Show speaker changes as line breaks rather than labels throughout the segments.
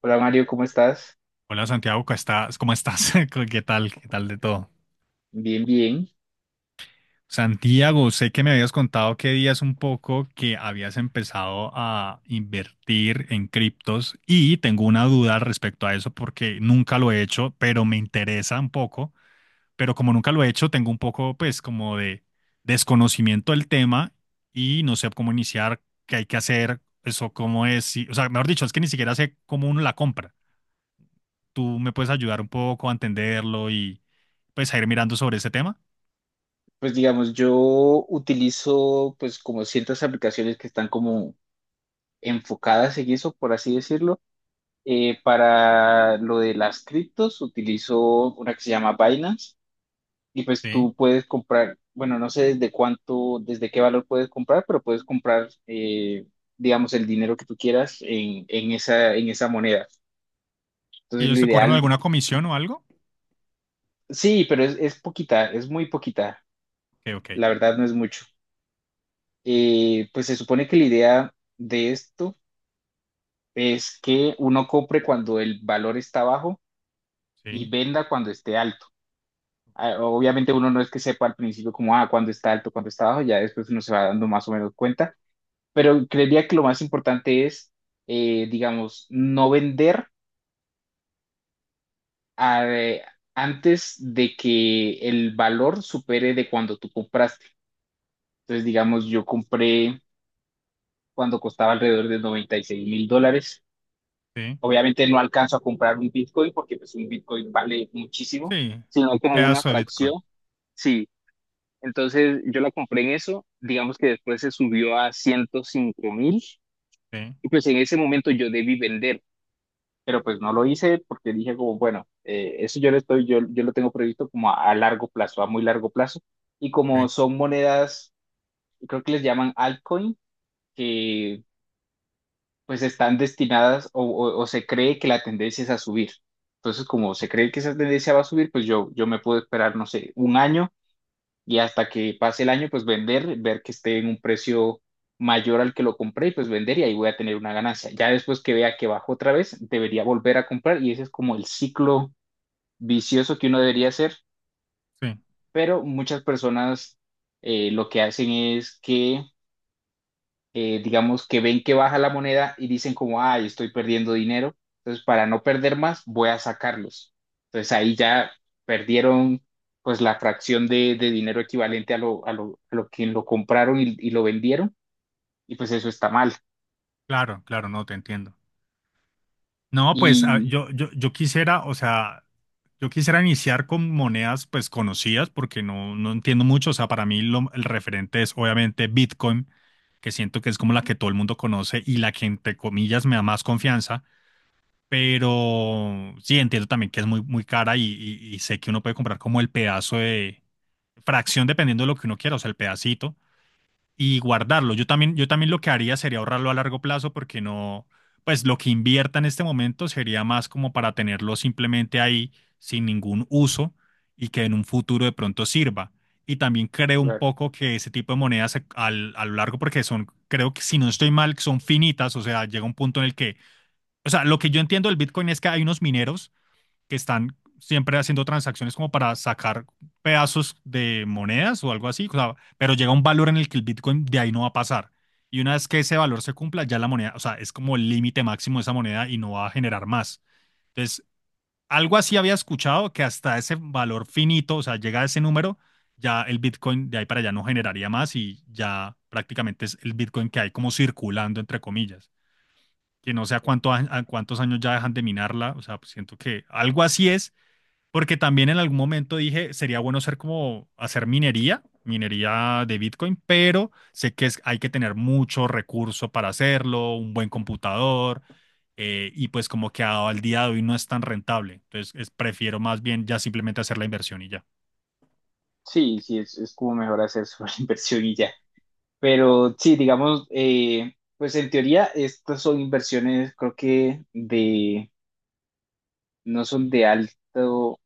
Hola Mario, ¿cómo estás?
Hola Santiago, ¿cómo estás? ¿Cómo estás? ¿Qué tal? ¿Qué tal de todo?
Bien, bien.
Santiago, sé que me habías contado que días un poco que habías empezado a invertir en criptos y tengo una duda al respecto a eso porque nunca lo he hecho, pero me interesa un poco, pero como nunca lo he hecho, tengo un poco pues como de desconocimiento del tema y no sé cómo iniciar, qué hay que hacer, eso cómo es, o sea, mejor dicho, es que ni siquiera sé cómo uno la compra. Tú me puedes ayudar un poco a entenderlo y pues a ir mirando sobre ese tema.
Pues digamos, yo utilizo pues como ciertas aplicaciones que están como enfocadas en eso, por así decirlo. Para lo de las criptos utilizo una que se llama Binance y pues
Sí.
tú puedes comprar, bueno, no sé desde cuánto, desde qué valor puedes comprar, pero puedes comprar, digamos, el dinero que tú quieras en esa moneda.
¿Y
Entonces
ellos
lo
te cobran
ideal,
alguna comisión o algo?
sí, pero es poquita, es muy poquita.
Ok, ok.
La verdad no es mucho. Pues se supone que la idea de esto es que uno compre cuando el valor está bajo y
Sí.
venda cuando esté alto.
Ok.
Obviamente uno no es que sepa al principio como, cuando está alto, cuando está bajo, ya después uno se va dando más o menos cuenta, pero creería que lo más importante es, digamos, no vender a- eh, antes de que el valor supere de cuando tú compraste. Entonces, digamos, yo compré cuando costaba alrededor de 96.000 dólares.
Sí.
Obviamente no alcanzo a comprar un Bitcoin porque pues un Bitcoin vale muchísimo,
Sí.
sino
Un
como una
pedazo de
fracción.
Bitcoin.
Sí, entonces yo la compré en eso, digamos que después se subió a 105.000
Sí.
y pues en ese momento yo debí vender, pero pues no lo hice porque dije como, bueno, eso yo lo tengo previsto como a largo plazo, a muy largo plazo. Y como
Ok.
son monedas, creo que les llaman altcoin, que pues están destinadas o, o se cree que la tendencia es a subir. Entonces, como se
Ok.
cree que esa tendencia va a subir, pues yo me puedo esperar, no sé, un año y hasta que pase el año, pues vender, ver que esté en un precio mayor al que lo compré y pues vender y ahí voy a tener una ganancia. Ya después que vea que bajó otra vez, debería volver a comprar y ese es como el ciclo vicioso que uno debería hacer,
Sí.
pero muchas personas lo que hacen es que digamos que ven que baja la moneda y dicen como, ay, estoy perdiendo dinero, entonces para no perder más voy a sacarlos. Entonces ahí ya perdieron pues la fracción de dinero equivalente a lo que lo compraron y lo vendieron y pues eso está mal.
Claro, claro, no, te entiendo. No, pues ah,
Y
yo quisiera, o sea, yo quisiera iniciar con monedas pues conocidas porque no, no entiendo mucho. O sea, para mí el referente es obviamente Bitcoin, que siento que es como la que todo el mundo conoce y la que entre comillas me da más confianza. Pero sí, entiendo también que es muy, muy cara y sé que uno puede comprar como el pedazo de fracción dependiendo de lo que uno quiera, o sea, el pedacito y guardarlo. Yo también lo que haría sería ahorrarlo a largo plazo porque no, pues lo que invierta en este momento sería más como para tenerlo simplemente ahí sin ningún uso y que en un futuro de pronto sirva. Y también creo un
claro,
poco que ese tipo de monedas a lo largo, porque son, creo que si no estoy mal, son finitas, o sea, llega un punto en el que o sea, lo que yo entiendo del Bitcoin es que hay unos mineros que están siempre haciendo transacciones como para sacar pedazos de monedas o algo así, o sea, pero llega un valor en el que el Bitcoin de ahí no va a pasar. Y una vez que ese valor se cumpla, ya la moneda, o sea, es como el límite máximo de esa moneda y no va a generar más. Entonces, algo así había escuchado que hasta ese valor finito, o sea, llega a ese número, ya el Bitcoin de ahí para allá no generaría más y ya prácticamente es el Bitcoin que hay como circulando, entre comillas, que no sé cuánto, a cuántos años ya dejan de minarla, o sea, pues siento que algo así es, porque también en algún momento dije, sería bueno ser como hacer minería, minería de Bitcoin, pero sé que es, hay que tener mucho recurso para hacerlo, un buen computador, y pues como que al día de hoy no es tan rentable, prefiero más bien ya simplemente hacer la inversión y ya.
sí, sí, es, como mejor hacer sobre inversión y ya. Pero sí, digamos, pues en teoría estas son inversiones creo que no son de alto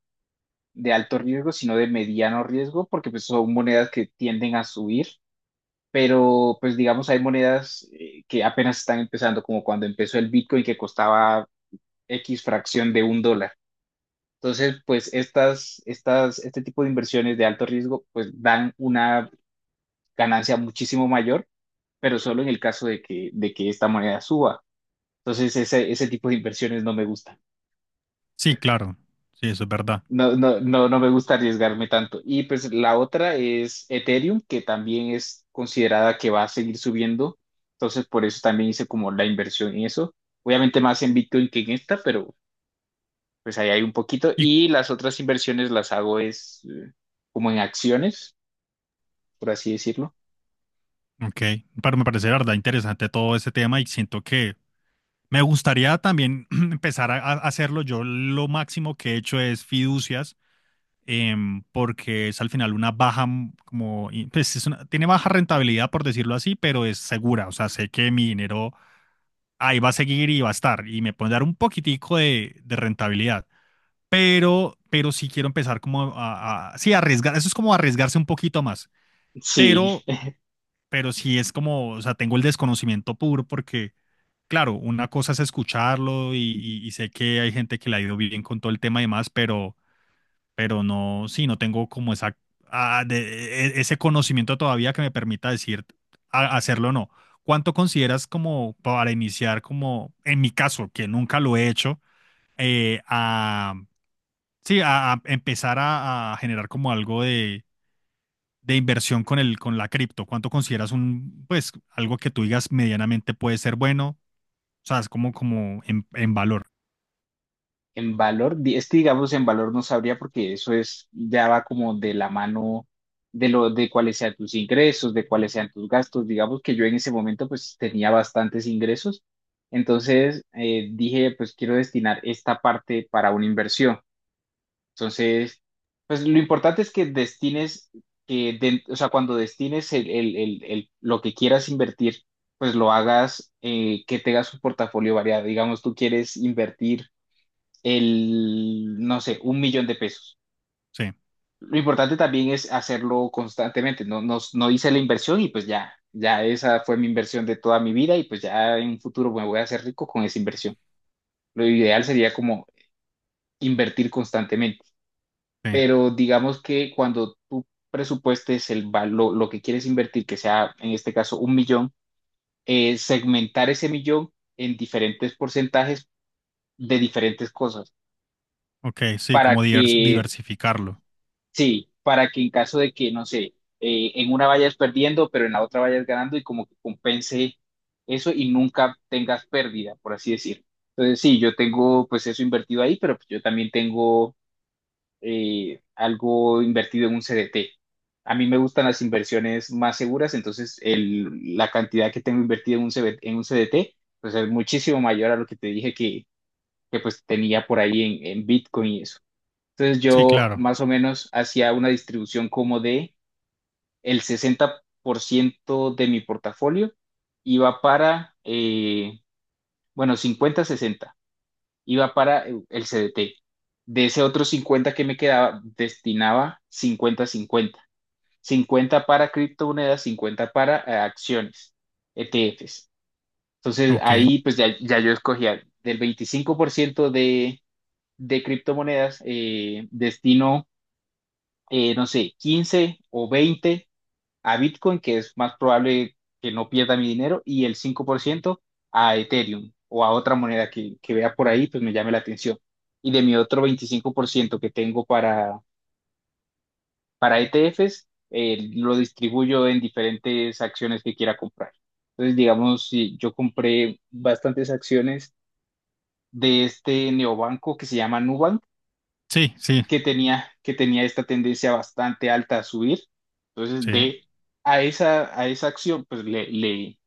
de alto riesgo, sino de mediano riesgo, porque pues son monedas que tienden a subir, pero pues digamos hay monedas que apenas están empezando, como cuando empezó el Bitcoin que costaba X fracción de un dólar. Entonces, pues este tipo de inversiones de alto riesgo pues dan una ganancia muchísimo mayor, pero solo en el caso de que esta moneda suba. Entonces, ese tipo de inversiones no me gusta.
Sí, claro, sí, eso es verdad.
No, no, no, no me gusta arriesgarme tanto. Y pues la otra es Ethereum, que también es considerada que va a seguir subiendo. Entonces, por eso también hice como la inversión en eso. Obviamente más en Bitcoin que en esta, pero pues ahí hay un poquito.
Y,
Y las otras inversiones las hago es, como en acciones, por así decirlo.
ok, pero me parece de verdad interesante todo ese tema y siento que me gustaría también empezar a hacerlo. Yo lo máximo que he hecho es fiducias, porque es al final una baja, pues es tiene baja rentabilidad, por decirlo así, pero es segura. O sea, sé que mi dinero ahí va a seguir y va a estar y me pueden dar un poquitico de rentabilidad. Pero sí quiero empezar como sí, arriesgar. Eso es como arriesgarse un poquito más.
Sí.
Pero, pero sí es como, o sea, tengo el desconocimiento puro porque claro, una cosa es escucharlo y sé que hay gente que le ha ido bien con todo el tema y demás, pero no, sí, no tengo como esa, ah, de- ese conocimiento todavía que me permita decir hacerlo o no. ¿Cuánto consideras como para iniciar, como en mi caso, que nunca lo he hecho, eh, a, sí, a empezar a generar como algo de inversión con el, con la cripto? ¿Cuánto consideras un, pues, algo que tú digas medianamente puede ser bueno? O sea, es como, como en valor.
En valor, este digamos en valor no sabría porque eso es, ya va como de la mano de cuáles sean tus ingresos, de cuáles sean tus gastos. Digamos que yo en ese momento pues tenía bastantes ingresos, entonces, dije pues quiero destinar esta parte para una inversión. Entonces, pues lo importante es que destines, o sea, cuando destines lo que quieras invertir, pues lo hagas, que tengas un portafolio variado. Digamos, tú quieres invertir no sé, un millón de pesos.
Sí,
Lo importante también es hacerlo constantemente. No, no, no hice la inversión y pues ya, ya esa fue mi inversión de toda mi vida y pues ya en un futuro me voy a hacer rico con esa inversión. Lo ideal sería como invertir constantemente,
sí.
pero digamos que cuando tú presupuestes el valor, lo que quieres invertir, que sea en este caso un millón, segmentar ese millón en diferentes porcentajes de diferentes cosas
Ok, sí,
para
como
que,
diversificarlo.
sí, para que en caso de que, no sé, en una vayas perdiendo, pero en la otra vayas ganando y como que compense eso y nunca tengas pérdida, por así decir. Entonces, sí, yo tengo pues eso invertido ahí, pero pues, yo también tengo, algo invertido en un CDT. A mí me gustan las inversiones más seguras, entonces la cantidad que tengo invertida en un CDT, pues es muchísimo mayor a lo que te dije que pues tenía por ahí en Bitcoin y eso. Entonces
Sí,
yo
claro.
más o menos hacía una distribución como de el 60% de mi portafolio iba para, bueno, 50-60, iba para el CDT. De ese otro 50 que me quedaba, destinaba 50-50. 50 para criptomonedas, 50 para acciones, ETFs. Entonces
Ok.
ahí pues ya, ya yo escogía del 25% de criptomonedas, destino, no sé, 15 o 20 a Bitcoin, que es más probable que no pierda mi dinero, y el 5% a Ethereum o a otra moneda que vea por ahí, pues me llame la atención. Y de mi otro 25% que tengo para, ETFs, lo distribuyo en diferentes acciones que quiera comprar. Entonces, digamos, si yo compré bastantes acciones de este neobanco que se llama Nubank,
Sí, sí,
que tenía esta tendencia bastante alta a subir. Entonces,
sí.
a esa acción, pues le, le,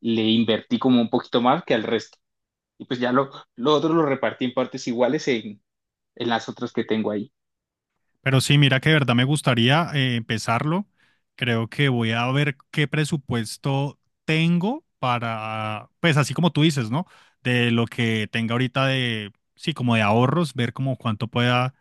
le invertí como un poquito más que al resto. Y pues ya lo otro lo repartí en partes iguales en las otras que tengo ahí.
Pero sí, mira que de verdad me gustaría empezarlo. Creo que voy a ver qué presupuesto tengo para, pues así como tú dices, ¿no? De lo que tenga ahorita de, sí, como de ahorros, ver como cuánto pueda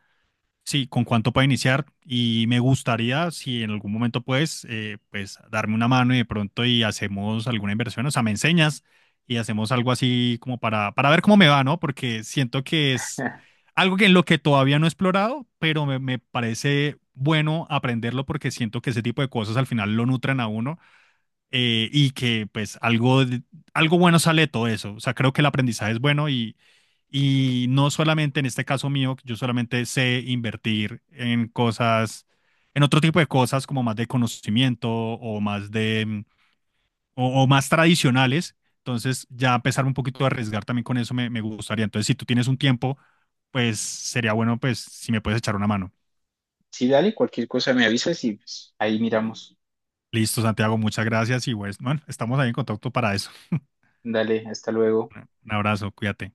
sí, con cuánto para iniciar y me gustaría si en algún momento puedes, pues darme una mano y de pronto y hacemos alguna inversión, o sea, me enseñas y hacemos algo así como para ver cómo me va, ¿no? Porque siento que es algo que en lo que todavía no he explorado, pero me parece bueno aprenderlo porque siento que ese tipo de cosas al final lo nutren a uno y que pues algo, algo bueno sale de todo eso. O sea, creo que el aprendizaje es bueno y no solamente en este caso mío, yo solamente sé invertir en cosas, en otro tipo de cosas como más de conocimiento o más de, o más tradicionales. Entonces ya empezar un poquito a arriesgar también con eso me, me gustaría. Entonces si tú tienes un tiempo, pues sería bueno pues si me puedes echar una mano.
Sí, dale, cualquier cosa me avisas y pues, ahí miramos.
Listo, Santiago, muchas gracias y pues, bueno, estamos ahí en contacto para eso.
Dale, hasta luego.
Un abrazo, cuídate.